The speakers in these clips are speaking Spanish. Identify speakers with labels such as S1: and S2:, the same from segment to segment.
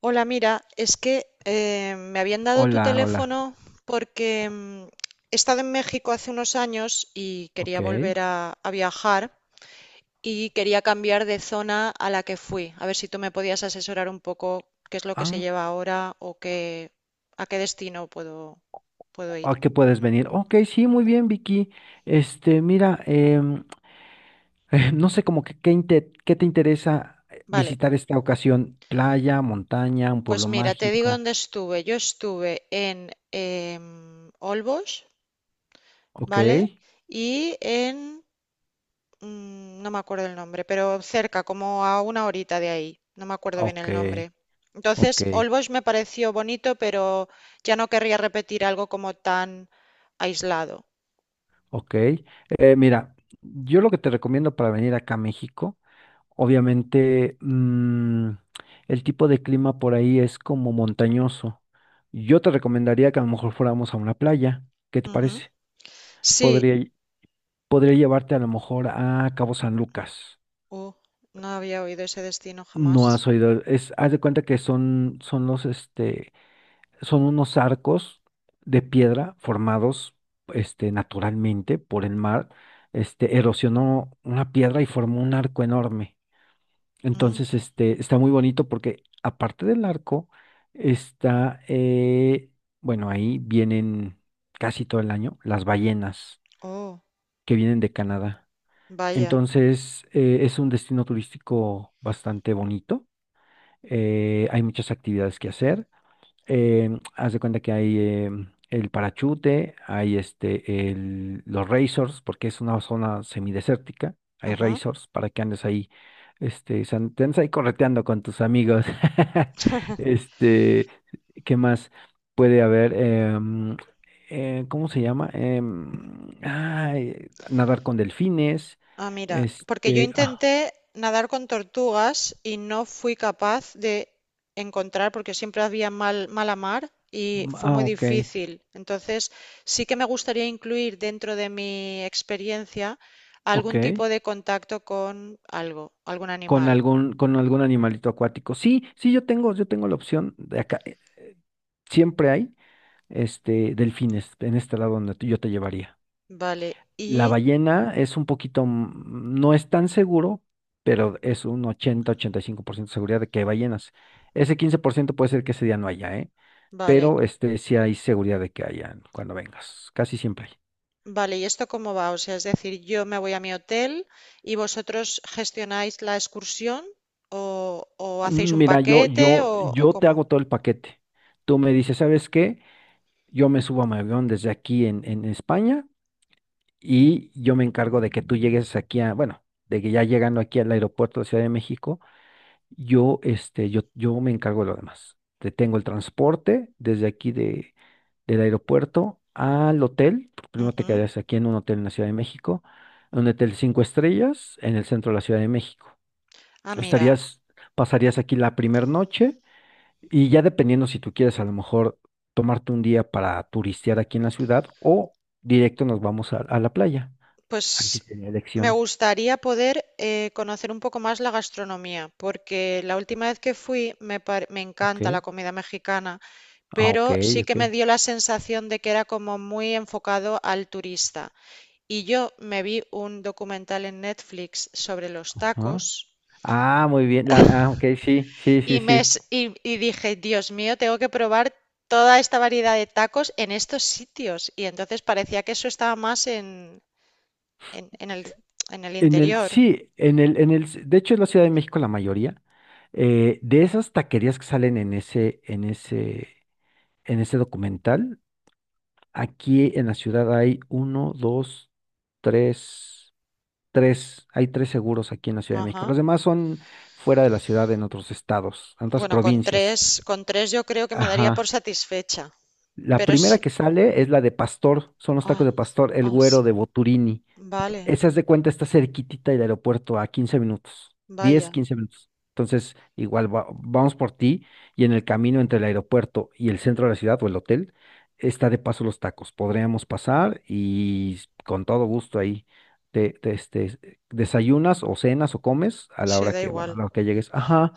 S1: Hola, mira, es que me habían dado tu
S2: Hola, hola.
S1: teléfono porque he estado en México hace unos años y quería
S2: Ok.
S1: volver a viajar y quería cambiar de zona a la que fui. A ver si tú me podías asesorar un poco qué es lo que se
S2: Ah,
S1: lleva ahora o qué, a qué destino puedo ir.
S2: ¿a qué puedes venir? Ok, sí, muy bien, Vicky. Este, mira, no sé como que qué, qué te interesa
S1: Vale,
S2: visitar esta ocasión. Playa, montaña, un
S1: pues
S2: pueblo
S1: mira, te digo
S2: mágico.
S1: dónde estuve. Yo estuve en Olbos,
S2: Ok,
S1: ¿vale? Y en no me acuerdo el nombre, pero cerca, como a una horita de ahí. No me acuerdo bien
S2: ok,
S1: el nombre.
S2: ok,
S1: Entonces, Olbosch me pareció bonito, pero ya no querría repetir algo como tan aislado.
S2: ok. Mira, yo lo que te recomiendo para venir acá a México. Obviamente, el tipo de clima por ahí es como montañoso. Yo te recomendaría que a lo mejor fuéramos a una playa. ¿Qué te
S1: Ujú.
S2: parece?
S1: Sí.
S2: Podría, podría llevarte a lo mejor a Cabo San Lucas.
S1: Uh, no había oído ese destino
S2: No
S1: jamás.
S2: has oído, es, haz de cuenta que son los, este, son unos arcos de piedra formados, este, naturalmente por el mar. Este, erosionó una piedra y formó un arco enorme.
S1: Mm.
S2: Entonces, este, está muy bonito porque aparte del arco, está, bueno, ahí vienen casi todo el año las ballenas
S1: Oh,
S2: que vienen de Canadá.
S1: vaya.
S2: Entonces, es un destino turístico bastante bonito. Hay muchas actividades que hacer haz de cuenta que hay el parachute, hay este, los racers, porque es una zona semidesértica, hay
S1: Ajá.
S2: racers para que andes ahí, este, te andes ahí correteando con tus amigos. Este, ¿qué más puede haber? ¿Cómo se llama? Ay, nadar con delfines,
S1: Ah, mira, porque yo
S2: este, ah,
S1: intenté nadar con tortugas y no fui capaz de encontrar, porque siempre había mal, mala mar y fue
S2: ah,
S1: muy
S2: ok,
S1: difícil. Entonces, sí que me gustaría incluir dentro de mi experiencia
S2: ok.
S1: algún tipo de contacto con algo, algún
S2: Con
S1: animal.
S2: algún, con algún animalito acuático. Sí, sí, yo tengo la opción de acá. Siempre hay este delfines en este lado donde yo te llevaría.
S1: Vale,
S2: La
S1: y
S2: ballena es un poquito, no es tan seguro, pero es un 80-85% de seguridad de que hay ballenas. Ese 15% puede ser que ese día no haya, ¿eh?
S1: vale,
S2: Pero este sí hay seguridad de que hayan cuando vengas. Casi siempre hay.
S1: vale, ¿y esto cómo va? O sea, es decir, yo me voy a mi hotel y vosotros gestionáis la excursión o hacéis un
S2: Mira, yo,
S1: paquete
S2: yo,
S1: o
S2: yo te
S1: cómo.
S2: hago todo el paquete. Tú me dices, ¿sabes qué? Yo me subo a mi avión desde aquí en España, y yo me encargo de que tú llegues aquí a, bueno, de que ya llegando aquí al aeropuerto de Ciudad de México, yo me encargo de lo demás. Te tengo el transporte desde aquí del aeropuerto al hotel. Primero te
S1: Ujú.
S2: quedarías aquí en un hotel en la Ciudad de México, en un hotel cinco estrellas en el centro de la Ciudad de México.
S1: Ah, mira,
S2: Estarías, pasarías aquí la primera noche, y ya dependiendo si tú quieres a lo mejor tomarte un día para turistear aquí en la ciudad o directo nos vamos a la playa.
S1: pues
S2: Antes tenía
S1: me
S2: elección.
S1: gustaría poder conocer un poco más la gastronomía, porque la última vez que fui me
S2: Ok.
S1: encanta la comida mexicana,
S2: Ah,
S1: pero
S2: ok,
S1: sí que
S2: ok.
S1: me dio la sensación de que era como muy enfocado al turista. Y yo me vi un documental en Netflix sobre los tacos
S2: Ajá. Ah, muy bien. Ah, ok, sí, sí, sí, sí.
S1: y dije, Dios mío, tengo que probar toda esta variedad de tacos en estos sitios. Y entonces parecía que eso estaba más en, en el, en el
S2: En el,
S1: interior.
S2: sí, de hecho en la Ciudad de México la mayoría, de esas taquerías que salen en ese documental, aquí en la ciudad hay uno, dos, tres, tres, hay tres seguros aquí en la Ciudad de México.
S1: Ajá.
S2: Los demás son fuera de la ciudad, en otros estados, en otras
S1: Bueno,
S2: provincias.
S1: con tres yo creo que me daría por
S2: Ajá.
S1: satisfecha.
S2: La
S1: Pero
S2: primera
S1: sí.
S2: que sale es la de Pastor, son los tacos
S1: Ah,
S2: de Pastor, el
S1: ah, sí.
S2: güero de Boturini.
S1: Vale,
S2: Esa es de cuenta, está cerquitita del aeropuerto a 15 minutos, 10,
S1: vaya.
S2: 15 minutos. Entonces, igual vamos por ti, y en el camino entre el aeropuerto y el centro de la ciudad o el hotel, está de paso los tacos. Podríamos pasar y con todo gusto ahí te, este, desayunas o cenas o comes a la
S1: Sí,
S2: hora
S1: da
S2: que,
S1: igual.
S2: bueno, a la hora que llegues. Ajá,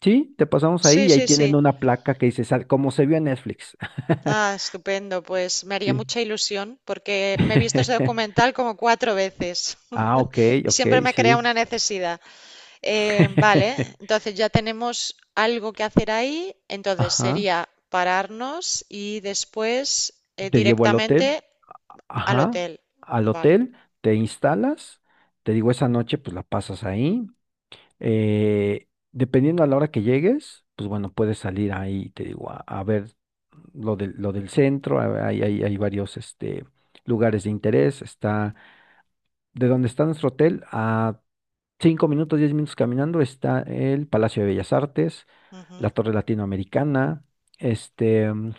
S2: sí, te pasamos ahí
S1: Sí,
S2: y ahí
S1: sí,
S2: tienen
S1: sí.
S2: una placa que dice, como se vio en Netflix.
S1: Ah, estupendo. Pues me haría
S2: Sí.
S1: mucha ilusión porque me he visto ese documental como cuatro veces
S2: Ah, ok,
S1: y
S2: ok,
S1: siempre me crea
S2: sí.
S1: una necesidad. Vale, entonces ya tenemos algo que hacer ahí. Entonces
S2: Ajá.
S1: sería pararnos y después
S2: Te llevo al hotel.
S1: directamente al
S2: Ajá.
S1: hotel,
S2: Al
S1: vale.
S2: hotel, te instalas. Te digo, esa noche pues la pasas ahí. Dependiendo a la hora que llegues, pues bueno, puedes salir ahí, te digo, a ver lo del centro. Hay varios este, lugares de interés. Está de donde está nuestro hotel a 5 minutos, 10 minutos caminando está el Palacio de Bellas Artes,
S1: Ujú.
S2: la Torre Latinoamericana, este,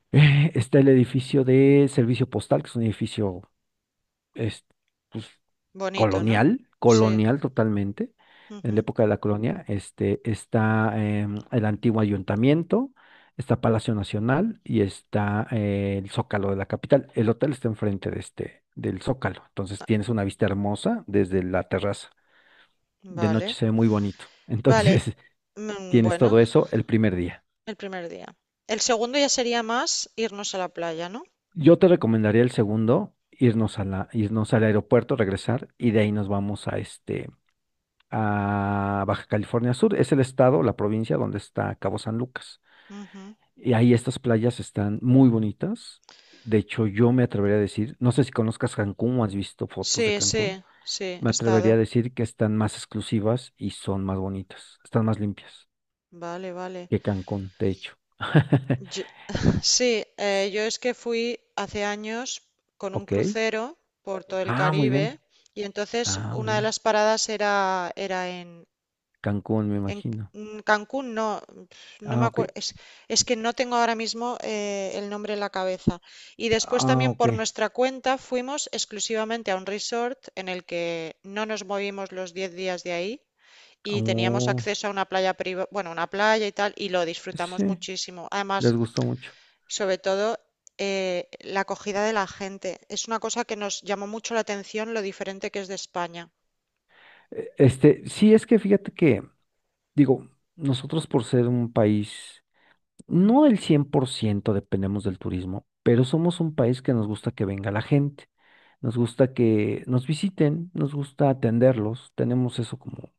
S2: está el edificio de Servicio Postal, que es un edificio es, pues,
S1: Bonito, ¿no?
S2: colonial,
S1: Sí,
S2: colonial totalmente, en la
S1: ujú.
S2: época de la colonia. Este, está el antiguo ayuntamiento, está Palacio Nacional y está el Zócalo de la capital. El hotel está enfrente de este, del Zócalo, entonces tienes una vista hermosa desde la terraza; de
S1: Vale.
S2: noche se ve muy bonito.
S1: Vale.
S2: Entonces, tienes
S1: Bueno,
S2: todo eso el primer día.
S1: el primer día. El segundo ya sería más irnos a la playa, ¿no?
S2: Yo te recomendaría el segundo, irnos irnos al aeropuerto, regresar, y de ahí nos vamos a este, a Baja California Sur. Es el estado, la provincia donde está Cabo San Lucas.
S1: Ujú.
S2: Y ahí estas playas están muy bonitas. De hecho, yo me atrevería a decir, no sé si conozcas Cancún o has visto fotos de
S1: Sí,
S2: Cancún,
S1: sí, sí, he
S2: me atrevería
S1: estado.
S2: a decir que están más exclusivas y son más bonitas, están más limpias
S1: Vale, vale.
S2: que Cancún, de hecho.
S1: Yo- sí, yo es que fui hace años con un
S2: Ok.
S1: crucero por todo el
S2: Ah, muy bien.
S1: Caribe y entonces
S2: Ah, muy
S1: una de
S2: bien.
S1: las paradas era, era en…
S2: Cancún, me
S1: En
S2: imagino.
S1: Cancún no, no me
S2: Ah,
S1: acuerdo,
S2: ok.
S1: es, es que no tengo ahora mismo el nombre en la cabeza. Y después
S2: Ah,
S1: también
S2: ok.
S1: por nuestra cuenta fuimos exclusivamente a un resort en el que no nos movimos los 10 días de ahí y teníamos
S2: Oh,
S1: acceso a una bueno, una playa y tal, y lo disfrutamos
S2: sí,
S1: muchísimo. Además,
S2: les gustó mucho.
S1: sobre todo, la acogida de la gente. Es una cosa que nos llamó mucho la atención lo diferente que es de España.
S2: Este, sí, es que fíjate que, digo, nosotros por ser un país, no el 100% dependemos del turismo, pero somos un país que nos gusta que venga la gente, nos gusta que nos visiten, nos gusta atenderlos, tenemos eso como,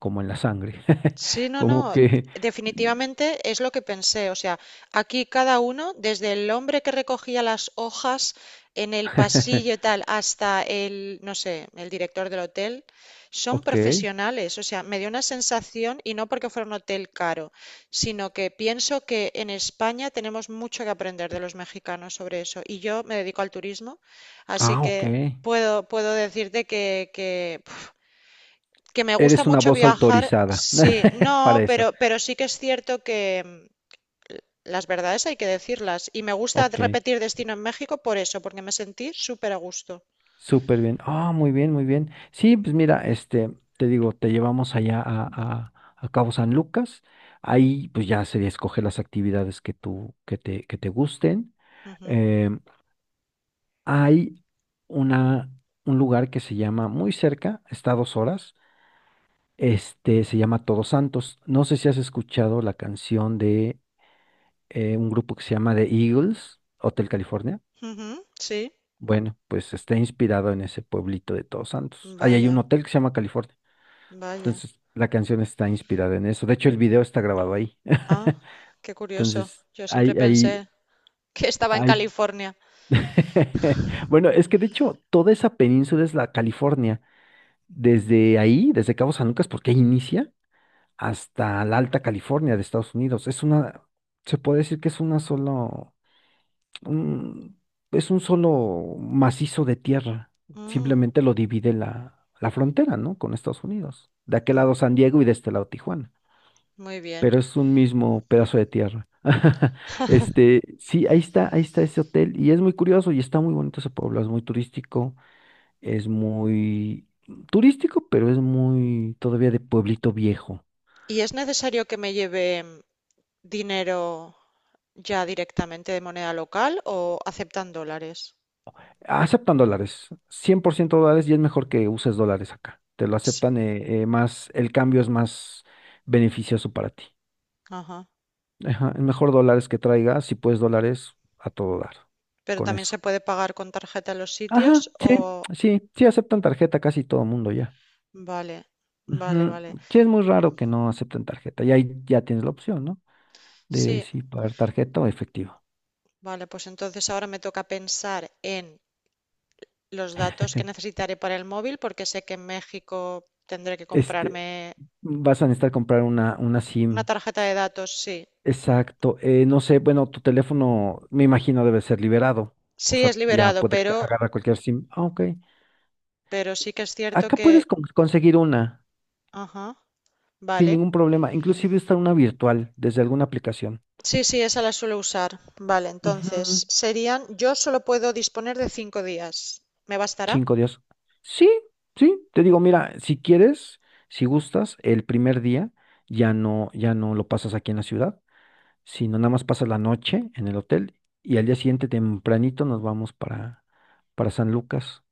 S2: como en la sangre,
S1: Sí, no,
S2: como
S1: no,
S2: que...
S1: definitivamente es lo que pensé. O sea, aquí cada uno, desde el hombre que recogía las hojas en el pasillo y tal, hasta el, no sé, el director del hotel, son
S2: Ok.
S1: profesionales. O sea, me dio una sensación, y no porque fuera un hotel caro, sino que pienso que en España tenemos mucho que aprender de los mexicanos sobre eso. Y yo me dedico al turismo, así
S2: Ah, ok.
S1: que puedo decirte que me gusta
S2: Eres una
S1: mucho
S2: voz
S1: viajar,
S2: autorizada
S1: sí, no,
S2: para eso.
S1: pero sí que es cierto que las verdades hay que decirlas. Y me gusta
S2: Ok,
S1: repetir destino en México por eso, porque me sentí súper a gusto.
S2: súper bien. Ah, muy bien, muy bien. Sí, pues mira, este, te digo, te llevamos allá a Cabo San Lucas. Ahí pues ya sería escoger las actividades que tú, que te gusten.
S1: Ujú,
S2: Em, hay una, un lugar que se llama muy cerca, está a 2 horas. Este se llama Todos Santos. No sé si has escuchado la canción de un grupo que se llama The Eagles, Hotel California.
S1: ujú, sí,
S2: Bueno, pues está inspirado en ese pueblito de Todos Santos. Ahí hay un
S1: vaya,
S2: hotel que se llama California.
S1: vaya.
S2: Entonces, la canción está inspirada en eso. De hecho, el video está grabado ahí.
S1: Ah, qué curioso.
S2: Entonces,
S1: Yo siempre
S2: hay hay
S1: pensé que estaba en
S2: hay
S1: California.
S2: Bueno, es que de hecho, toda esa península es la California. Desde ahí, desde Cabo San Lucas, porque ahí inicia, hasta la Alta California de Estados Unidos. Se puede decir que es una sola. un- es un solo macizo de tierra.
S1: Mm,
S2: Simplemente lo divide la frontera, ¿no? Con Estados Unidos. De aquel
S1: mm,
S2: lado San Diego y de este lado Tijuana.
S1: muy bien.
S2: Pero es un mismo pedazo de tierra. Este, sí, ahí está ese hotel. Y es muy curioso y está muy bonito ese pueblo. Es muy turístico. Es muy turístico, pero es muy todavía de pueblito viejo.
S1: ¿Y es necesario que me lleve dinero ya directamente de moneda local o aceptan dólares?
S2: Aceptan dólares, 100% dólares y es mejor que uses dólares acá. Te lo
S1: Ts.
S2: aceptan más, el cambio es más beneficioso para ti.
S1: Ajá.
S2: Ajá, es mejor dólares que traigas, si puedes dólares, a todo dar,
S1: Pero
S2: con
S1: también
S2: eso.
S1: se puede pagar con tarjeta en los
S2: Ajá,
S1: sitios
S2: sí,
S1: o…
S2: sí, sí aceptan tarjeta casi todo el mundo ya.
S1: Vale, vale,
S2: Ujú,
S1: vale.
S2: sí, es muy raro que no acepten tarjeta y ahí ya tienes la opción, ¿no? De
S1: Sí,
S2: si pagar tarjeta o efectivo.
S1: vale, pues entonces ahora me toca pensar en los datos que necesitaré para el móvil porque sé que en México tendré que
S2: Este,
S1: comprarme
S2: vas a necesitar comprar una
S1: una
S2: SIM.
S1: tarjeta de datos, sí.
S2: Exacto. No sé, bueno, tu teléfono me imagino debe ser liberado. O
S1: Sí,
S2: sea,
S1: es
S2: ya
S1: liberado,
S2: puede agarrar cualquier SIM. Ah, ok.
S1: pero sí que es cierto
S2: Acá
S1: que…
S2: puedes conseguir una
S1: Ajá,
S2: sin
S1: vale.
S2: ningún problema. Inclusive está una virtual desde alguna aplicación.
S1: Sí, sí, esa la suelo usar. Vale,
S2: Ujú,
S1: entonces serían… Yo solo puedo disponer de 5 días. ¿Me bastará?
S2: 5 días. Sí, sí. Te digo, mira, si quieres, si gustas, el primer día ya no, ya no, lo pasas aquí en la ciudad, sino nada más pasas la noche en el hotel y al día siguiente tempranito nos vamos para San Lucas.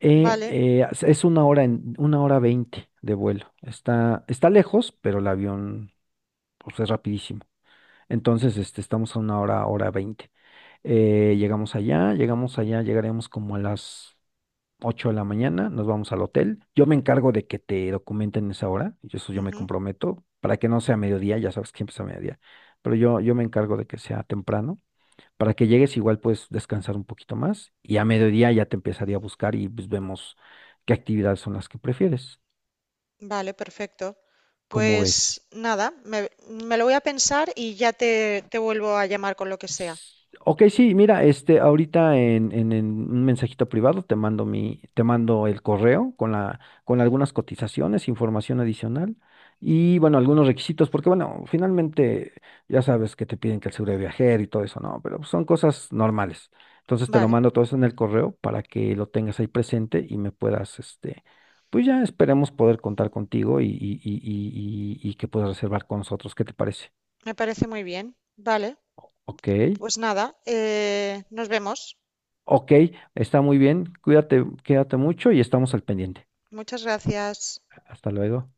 S2: Eh,
S1: Vale,
S2: eh, es es una hora en, una hora veinte de vuelo. Está lejos, pero el avión pues, es rapidísimo. Entonces, este, estamos a una hora, hora veinte. Llegaremos como a las 8 de la mañana, nos vamos al hotel. Yo me encargo de que te documenten esa hora, y eso yo me
S1: ujú.
S2: comprometo, para que no sea mediodía, ya sabes que empieza a mediodía, pero yo me encargo de que sea temprano. Para que llegues igual puedes descansar un poquito más y a mediodía ya te empezaría a buscar y pues vemos qué actividades son las que prefieres.
S1: Vale, perfecto.
S2: ¿Cómo ves?
S1: Pues nada, me lo voy a pensar y ya te vuelvo a llamar con lo que sea.
S2: Ok, sí, mira, este, ahorita en un mensajito privado te mando el correo con algunas cotizaciones, información adicional y bueno, algunos requisitos, porque bueno, finalmente ya sabes que te piden que el seguro de viajero y todo eso, no, pero son cosas normales. Entonces te lo
S1: Vale,
S2: mando todo eso en el correo para que lo tengas ahí presente y me puedas, este, pues ya esperemos poder contar contigo que puedas reservar con nosotros. ¿Qué te parece?
S1: me parece muy bien. Vale,
S2: Ok.
S1: pues nada, nos vemos.
S2: Ok, está muy bien. Cuídate, quédate mucho y estamos al pendiente.
S1: Muchas gracias.
S2: Hasta luego.